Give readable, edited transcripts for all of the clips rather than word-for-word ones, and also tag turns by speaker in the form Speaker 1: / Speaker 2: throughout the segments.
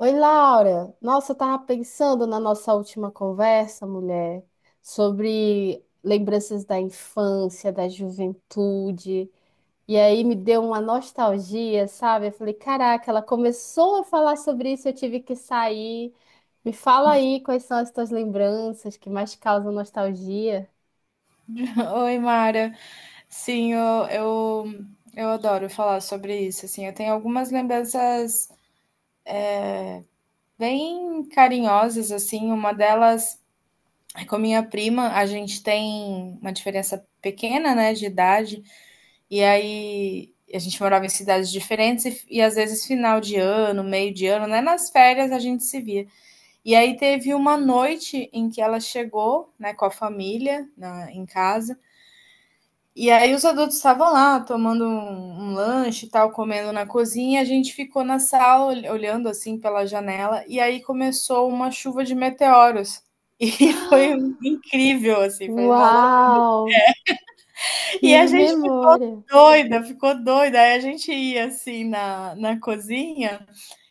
Speaker 1: Oi, Laura. Nossa, eu tava pensando na nossa última conversa, mulher, sobre lembranças da infância, da juventude. E aí me deu uma nostalgia, sabe? Eu falei, caraca, ela começou a falar sobre isso, eu tive que sair. Me fala aí quais são as tuas lembranças que mais causam nostalgia.
Speaker 2: Oi, Mara. Sim, eu adoro falar sobre isso, assim. Eu tenho algumas lembranças bem carinhosas, assim. Uma delas é com a minha prima. A gente tem uma diferença pequena, né, de idade. E aí a gente morava em cidades diferentes e às vezes final de ano, meio de ano, né? Nas férias a gente se via. E aí teve uma noite em que ela chegou, né, com a família em casa. E aí os adultos estavam lá tomando um lanche e tal, comendo na cozinha, a gente ficou na sala olhando, assim, pela janela, e aí começou uma chuva de meteoros. E foi incrível, assim, foi uma loucura.
Speaker 1: Uau,
Speaker 2: E
Speaker 1: que
Speaker 2: a gente
Speaker 1: memória!
Speaker 2: ficou doida, aí a gente ia, assim, na cozinha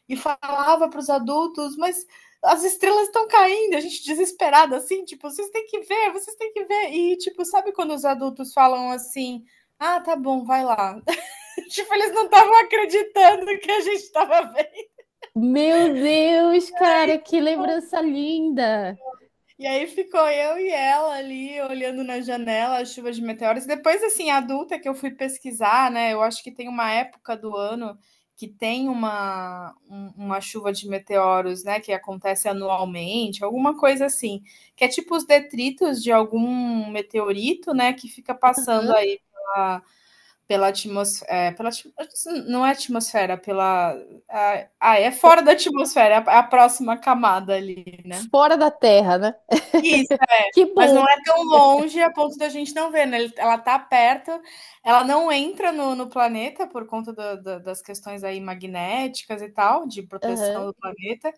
Speaker 2: e falava para os adultos, mas as estrelas estão caindo, a gente desesperada assim, tipo, vocês têm que ver, vocês têm que ver. E tipo, sabe quando os adultos falam assim: "Ah, tá bom, vai lá". Tipo, eles não estavam acreditando que a gente estava vendo.
Speaker 1: Meu Deus, cara, que lembrança linda!
Speaker 2: E aí ficou eu e ela ali olhando na janela a chuva de meteoros. Depois, assim, adulta que eu fui pesquisar, né? Eu acho que tem uma época do ano que tem uma, uma chuva de meteoros, né? Que acontece anualmente, alguma coisa assim. Que é tipo os detritos de algum meteorito, né? Que fica passando
Speaker 1: Aham.
Speaker 2: aí pela atmosfera. Não é atmosfera, pela. Ah, é fora da atmosfera, é a próxima camada ali, né?
Speaker 1: Fora da Terra, né?
Speaker 2: Isso.
Speaker 1: Que
Speaker 2: Mas não
Speaker 1: bom.
Speaker 2: é tão longe a ponto da gente não ver, né? Ela tá perto, ela não entra no, no planeta por conta das questões aí magnéticas e tal, de proteção
Speaker 1: Aham.
Speaker 2: do planeta,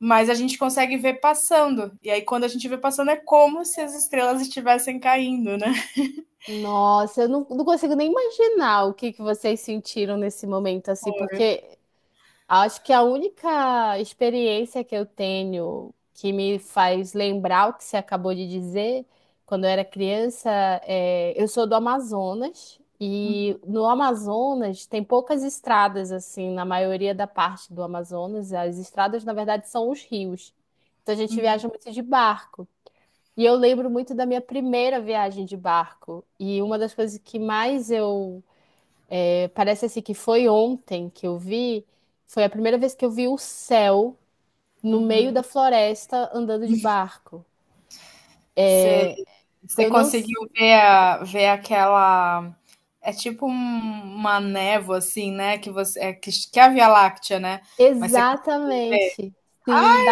Speaker 2: mas a gente consegue ver passando. E aí, quando a gente vê passando, é como se as estrelas estivessem caindo, né?
Speaker 1: Nossa, eu não, não consigo nem imaginar o que que vocês sentiram nesse momento, assim, porque acho que a única experiência que eu tenho que me faz lembrar o que você acabou de dizer, quando eu era criança, é, eu sou do Amazonas, e no Amazonas tem poucas estradas, assim, na maioria da parte do Amazonas, as estradas, na verdade, são os rios. Então a gente viaja muito de barco. E eu lembro muito da minha primeira viagem de barco. E uma das coisas que mais eu. Parece assim que foi ontem que eu vi. Foi a primeira vez que eu vi o céu no meio da floresta andando de barco.
Speaker 2: Você, você
Speaker 1: Eu não. s-
Speaker 2: conseguiu ver, ver aquela. É tipo uma névoa, assim, né? Que é a Via Láctea, né? Mas você conseguiu.
Speaker 1: Exatamente. Sim,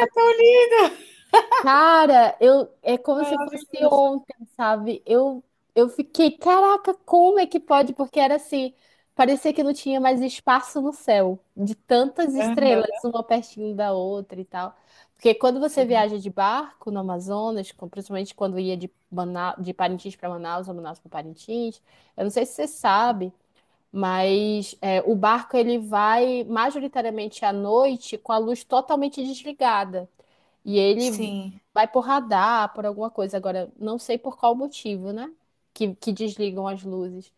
Speaker 1: cara, eu é como se fosse
Speaker 2: Maravilhoso.
Speaker 1: ontem, sabe? Eu fiquei, caraca, como é que pode? Porque era assim, parecia que não tinha mais espaço no céu, de tantas
Speaker 2: Aham,
Speaker 1: estrelas, uma pertinho da outra e tal. Porque quando você
Speaker 2: sim.
Speaker 1: viaja de barco no Amazonas, principalmente quando ia de de Parintins para Manaus, ou Manaus para Parintins, eu não sei se você sabe, mas é, o barco ele vai majoritariamente à noite com a luz totalmente desligada. E ele
Speaker 2: Sim.
Speaker 1: vai por radar, por alguma coisa. Agora, não sei por qual motivo, né? Que desligam as luzes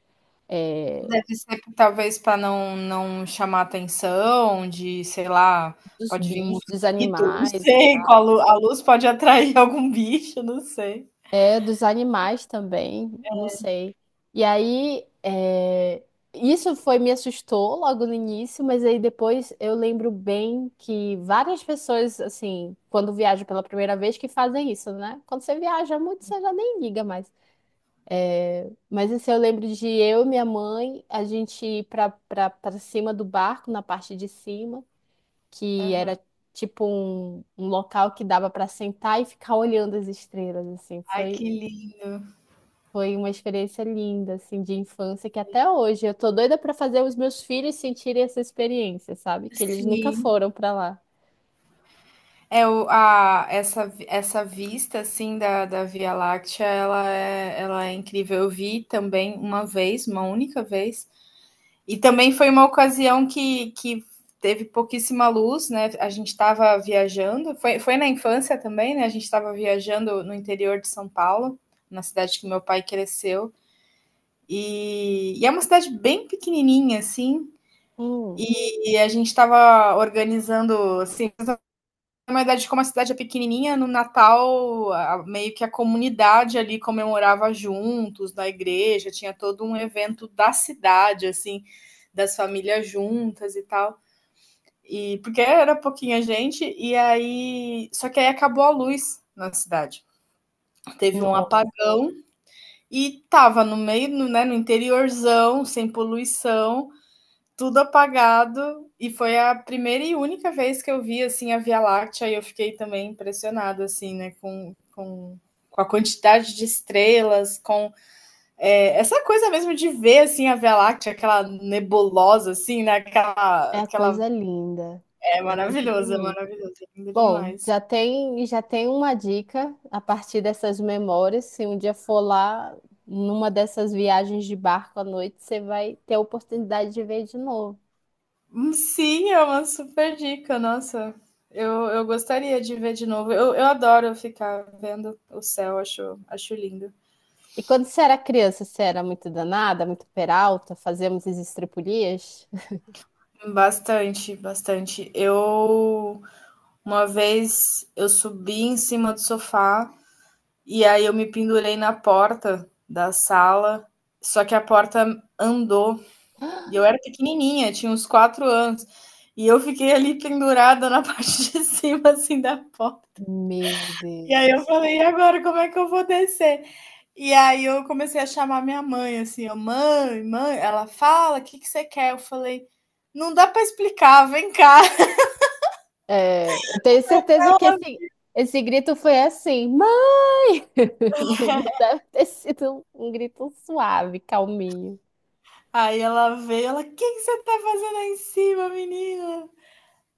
Speaker 1: é,
Speaker 2: Deve ser talvez para não chamar atenção de, sei lá,
Speaker 1: dos
Speaker 2: pode vir
Speaker 1: bichos, dos
Speaker 2: mosquito, não
Speaker 1: animais e
Speaker 2: sei, com
Speaker 1: tal.
Speaker 2: a luz pode atrair algum bicho, não sei.
Speaker 1: É, dos animais também, não sei. E aí, é, isso foi, me assustou logo no início, mas aí depois eu lembro bem que várias pessoas, assim, quando viajam pela primeira vez, que fazem isso, né? Quando você viaja muito, você já nem liga mais. Mas isso eu lembro de eu e minha mãe, a gente ir pra cima do barco, na parte de cima, que era
Speaker 2: Aham.
Speaker 1: tipo um, um local que dava pra sentar e ficar olhando as estrelas, assim.
Speaker 2: Ai,
Speaker 1: Foi,
Speaker 2: que lindo.
Speaker 1: foi uma experiência linda, assim, de infância, que até hoje eu tô doida pra fazer os meus filhos sentirem essa experiência, sabe? Que eles nunca
Speaker 2: Sim.
Speaker 1: foram pra lá.
Speaker 2: É o a essa vi essa vista, assim, da Via Láctea, ela é incrível. Eu vi também uma vez, uma única vez, e também foi uma ocasião que teve pouquíssima luz, né? A gente estava viajando, foi na infância também, né? A gente estava viajando no interior de São Paulo, na cidade que meu pai cresceu. E é uma cidade bem pequenininha, assim.
Speaker 1: Hum,
Speaker 2: E a gente estava organizando, assim, na verdade, como a cidade é pequenininha, no Natal, a meio que a comunidade ali comemorava juntos, na igreja, tinha todo um evento da cidade, assim, das famílias juntas e tal. E porque era pouquinha gente, e aí. Só que aí acabou a luz na cidade. Teve um
Speaker 1: Nossa,
Speaker 2: apagão e tava no meio, no, né, no interiorzão, sem poluição, tudo apagado, e foi a primeira e única vez que eu vi, assim, a Via Láctea, e eu fiquei também impressionada, assim, né, com a quantidade de estrelas, com é, essa coisa mesmo de ver, assim, a Via Láctea, aquela nebulosa, assim, né,
Speaker 1: é a
Speaker 2: aquela
Speaker 1: coisa linda.
Speaker 2: é
Speaker 1: É muito
Speaker 2: maravilhosa,
Speaker 1: bonito.
Speaker 2: maravilhoso, é lindo
Speaker 1: Bom,
Speaker 2: demais.
Speaker 1: já tem uma dica a partir dessas memórias. Se um dia for lá, numa dessas viagens de barco à noite, você vai ter a oportunidade de ver de novo.
Speaker 2: Sim, é uma super dica, nossa. Eu gostaria de ver de novo. Eu adoro ficar vendo o céu, acho, acho lindo.
Speaker 1: E quando você era criança, você era muito danada, muito peralta, fazíamos as estripulias?
Speaker 2: Bastante, bastante. Eu Uma vez eu subi em cima do sofá e aí eu me pendurei na porta da sala, só que a porta andou e eu era pequenininha, tinha uns 4 anos e eu fiquei ali pendurada na parte de cima assim da porta.
Speaker 1: Meu
Speaker 2: E aí eu
Speaker 1: Deus.
Speaker 2: falei, e agora como é que eu vou descer? E aí eu comecei a chamar minha mãe assim, eu, mãe, ela fala, o que que você quer? Eu falei, não dá para explicar, vem cá.
Speaker 1: É, eu tenho certeza que esse grito foi assim, mãe! Não, não deve ter sido um grito suave, calminho.
Speaker 2: Aí ela veio, ela, o que que você tá fazendo aí em cima, menina?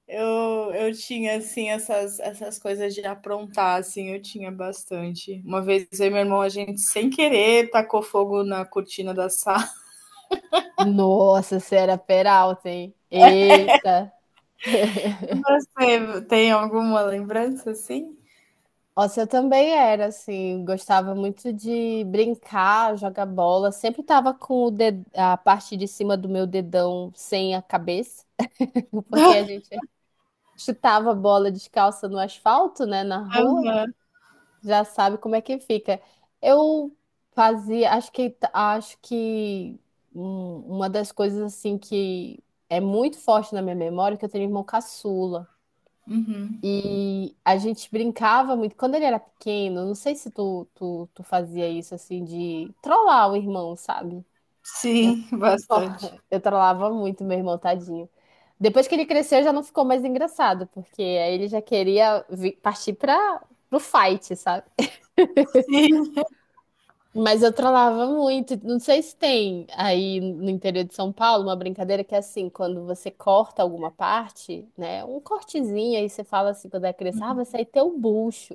Speaker 2: Eu tinha, assim, essas coisas de aprontar, assim, eu tinha bastante. Uma vez eu e meu irmão, a gente, sem querer, tacou fogo na cortina da sala.
Speaker 1: Nossa, você era peralta, hein? Eita!
Speaker 2: Você tem alguma lembrança, assim?
Speaker 1: Nossa, eu também era, assim, gostava muito de brincar, jogar bola. Sempre tava com o ded- a parte de cima do meu dedão sem a cabeça, porque a gente chutava a bola descalça no asfalto, né, na rua.
Speaker 2: Aham.
Speaker 1: Já sabe como é que fica. Eu fazia, acho que uma das coisas, assim, que é muito forte na minha memória, é que eu tenho um irmão caçula.
Speaker 2: Uhum.
Speaker 1: E a gente brincava muito. Quando ele era pequeno, não sei se tu fazia isso assim de trollar o irmão, sabe? Eu,
Speaker 2: Sim,
Speaker 1: tro-
Speaker 2: bastante.
Speaker 1: eu trollava muito meu irmão, tadinho. Depois que ele cresceu, já não ficou mais engraçado, porque aí ele já queria partir para pro fight, sabe?
Speaker 2: Sim.
Speaker 1: Mas eu trollava muito. Não sei se tem aí no interior de São Paulo uma brincadeira que é assim, quando você corta alguma parte, né? Um cortezinho, aí você fala assim, quando é criança, ah, vai sair teu bucho.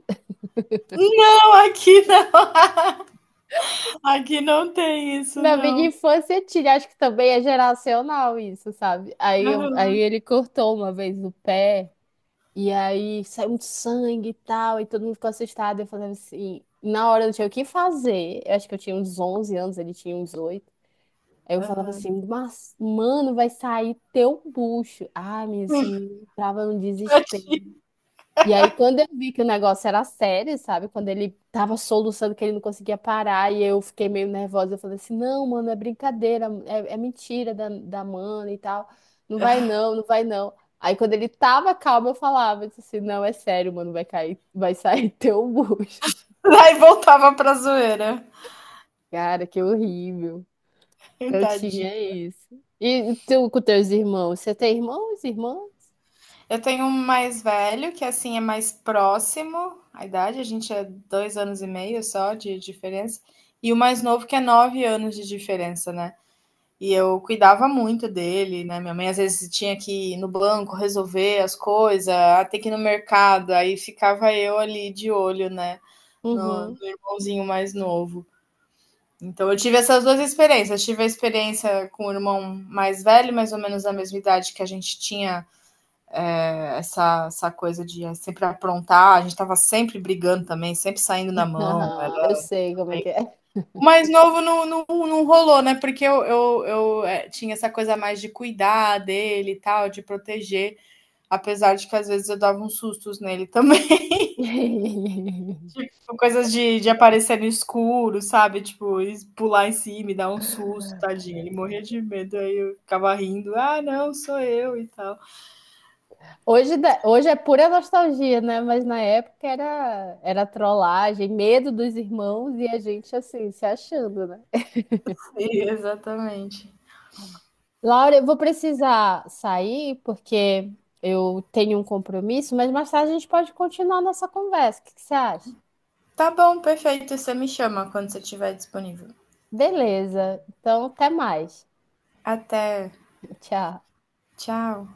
Speaker 2: Não, aqui não. Aqui não tem isso,
Speaker 1: Na minha
Speaker 2: não.
Speaker 1: infância tinha, acho que também é geracional isso, sabe? Aí, aí
Speaker 2: Aham,
Speaker 1: ele cortou uma vez o pé, e aí saiu muito sangue e tal, e todo mundo ficou assustado. Eu falava assim, na hora eu não tinha o que fazer, eu acho que eu tinha uns 11 anos, ele tinha uns oito. Aí eu falava
Speaker 2: aham.
Speaker 1: assim, mas, mano, vai sair teu bucho. Ah, menina, esse menino entrava num
Speaker 2: Tadinho.
Speaker 1: desespero. E aí, quando eu vi que o negócio era sério, sabe? Quando ele tava soluçando que ele não conseguia parar e eu fiquei meio nervosa, eu falei assim: não, mano, é brincadeira, é mentira da mana e tal. Não vai não, não vai não. Aí, quando ele tava calmo, eu falava eu disse assim: não, é sério, mano, vai cair, vai sair teu bucho.
Speaker 2: Aí voltava pra zoeira.
Speaker 1: Cara, que horrível. Eu tinha
Speaker 2: Tadinho.
Speaker 1: isso. E tu com teus irmãos? Você tem irmãos, irmã?
Speaker 2: Eu tenho um mais velho, que assim é mais próximo à idade, a gente é 2 anos e meio só de diferença, e o mais novo que é 9 anos de diferença, né? E eu cuidava muito dele, né? Minha mãe às vezes tinha que ir no banco resolver as coisas, até que ir no mercado, aí ficava eu ali de olho, né? No
Speaker 1: Uhum.
Speaker 2: irmãozinho mais novo. Então eu tive essas duas experiências. Eu tive a experiência com o irmão mais velho, mais ou menos da mesma idade que a gente tinha essa coisa de sempre aprontar, a gente tava sempre brigando também, sempre saindo na mão.
Speaker 1: Aham, eu
Speaker 2: Era
Speaker 1: sei como é
Speaker 2: bem...
Speaker 1: que é.
Speaker 2: O mais novo não rolou, né? Porque eu tinha essa coisa mais de cuidar dele e tal, de proteger, apesar de que às vezes eu dava uns sustos nele também. Tipo, coisas de aparecer no escuro, sabe? Tipo, pular em cima e dar um susto, tadinho. Ele morria de medo, aí eu ficava rindo, ah, não, sou eu e tal.
Speaker 1: Hoje é pura nostalgia, né? Mas na época era, era trollagem, medo dos irmãos e a gente assim, se achando, né?
Speaker 2: E, exatamente.
Speaker 1: Laura, eu vou precisar sair porque eu tenho um compromisso, mas mais tarde a gente pode continuar a nossa conversa. O que que você acha?
Speaker 2: Tá bom, perfeito. Você me chama quando você estiver disponível.
Speaker 1: Beleza. Então, até mais.
Speaker 2: Até.
Speaker 1: Tchau.
Speaker 2: Tchau.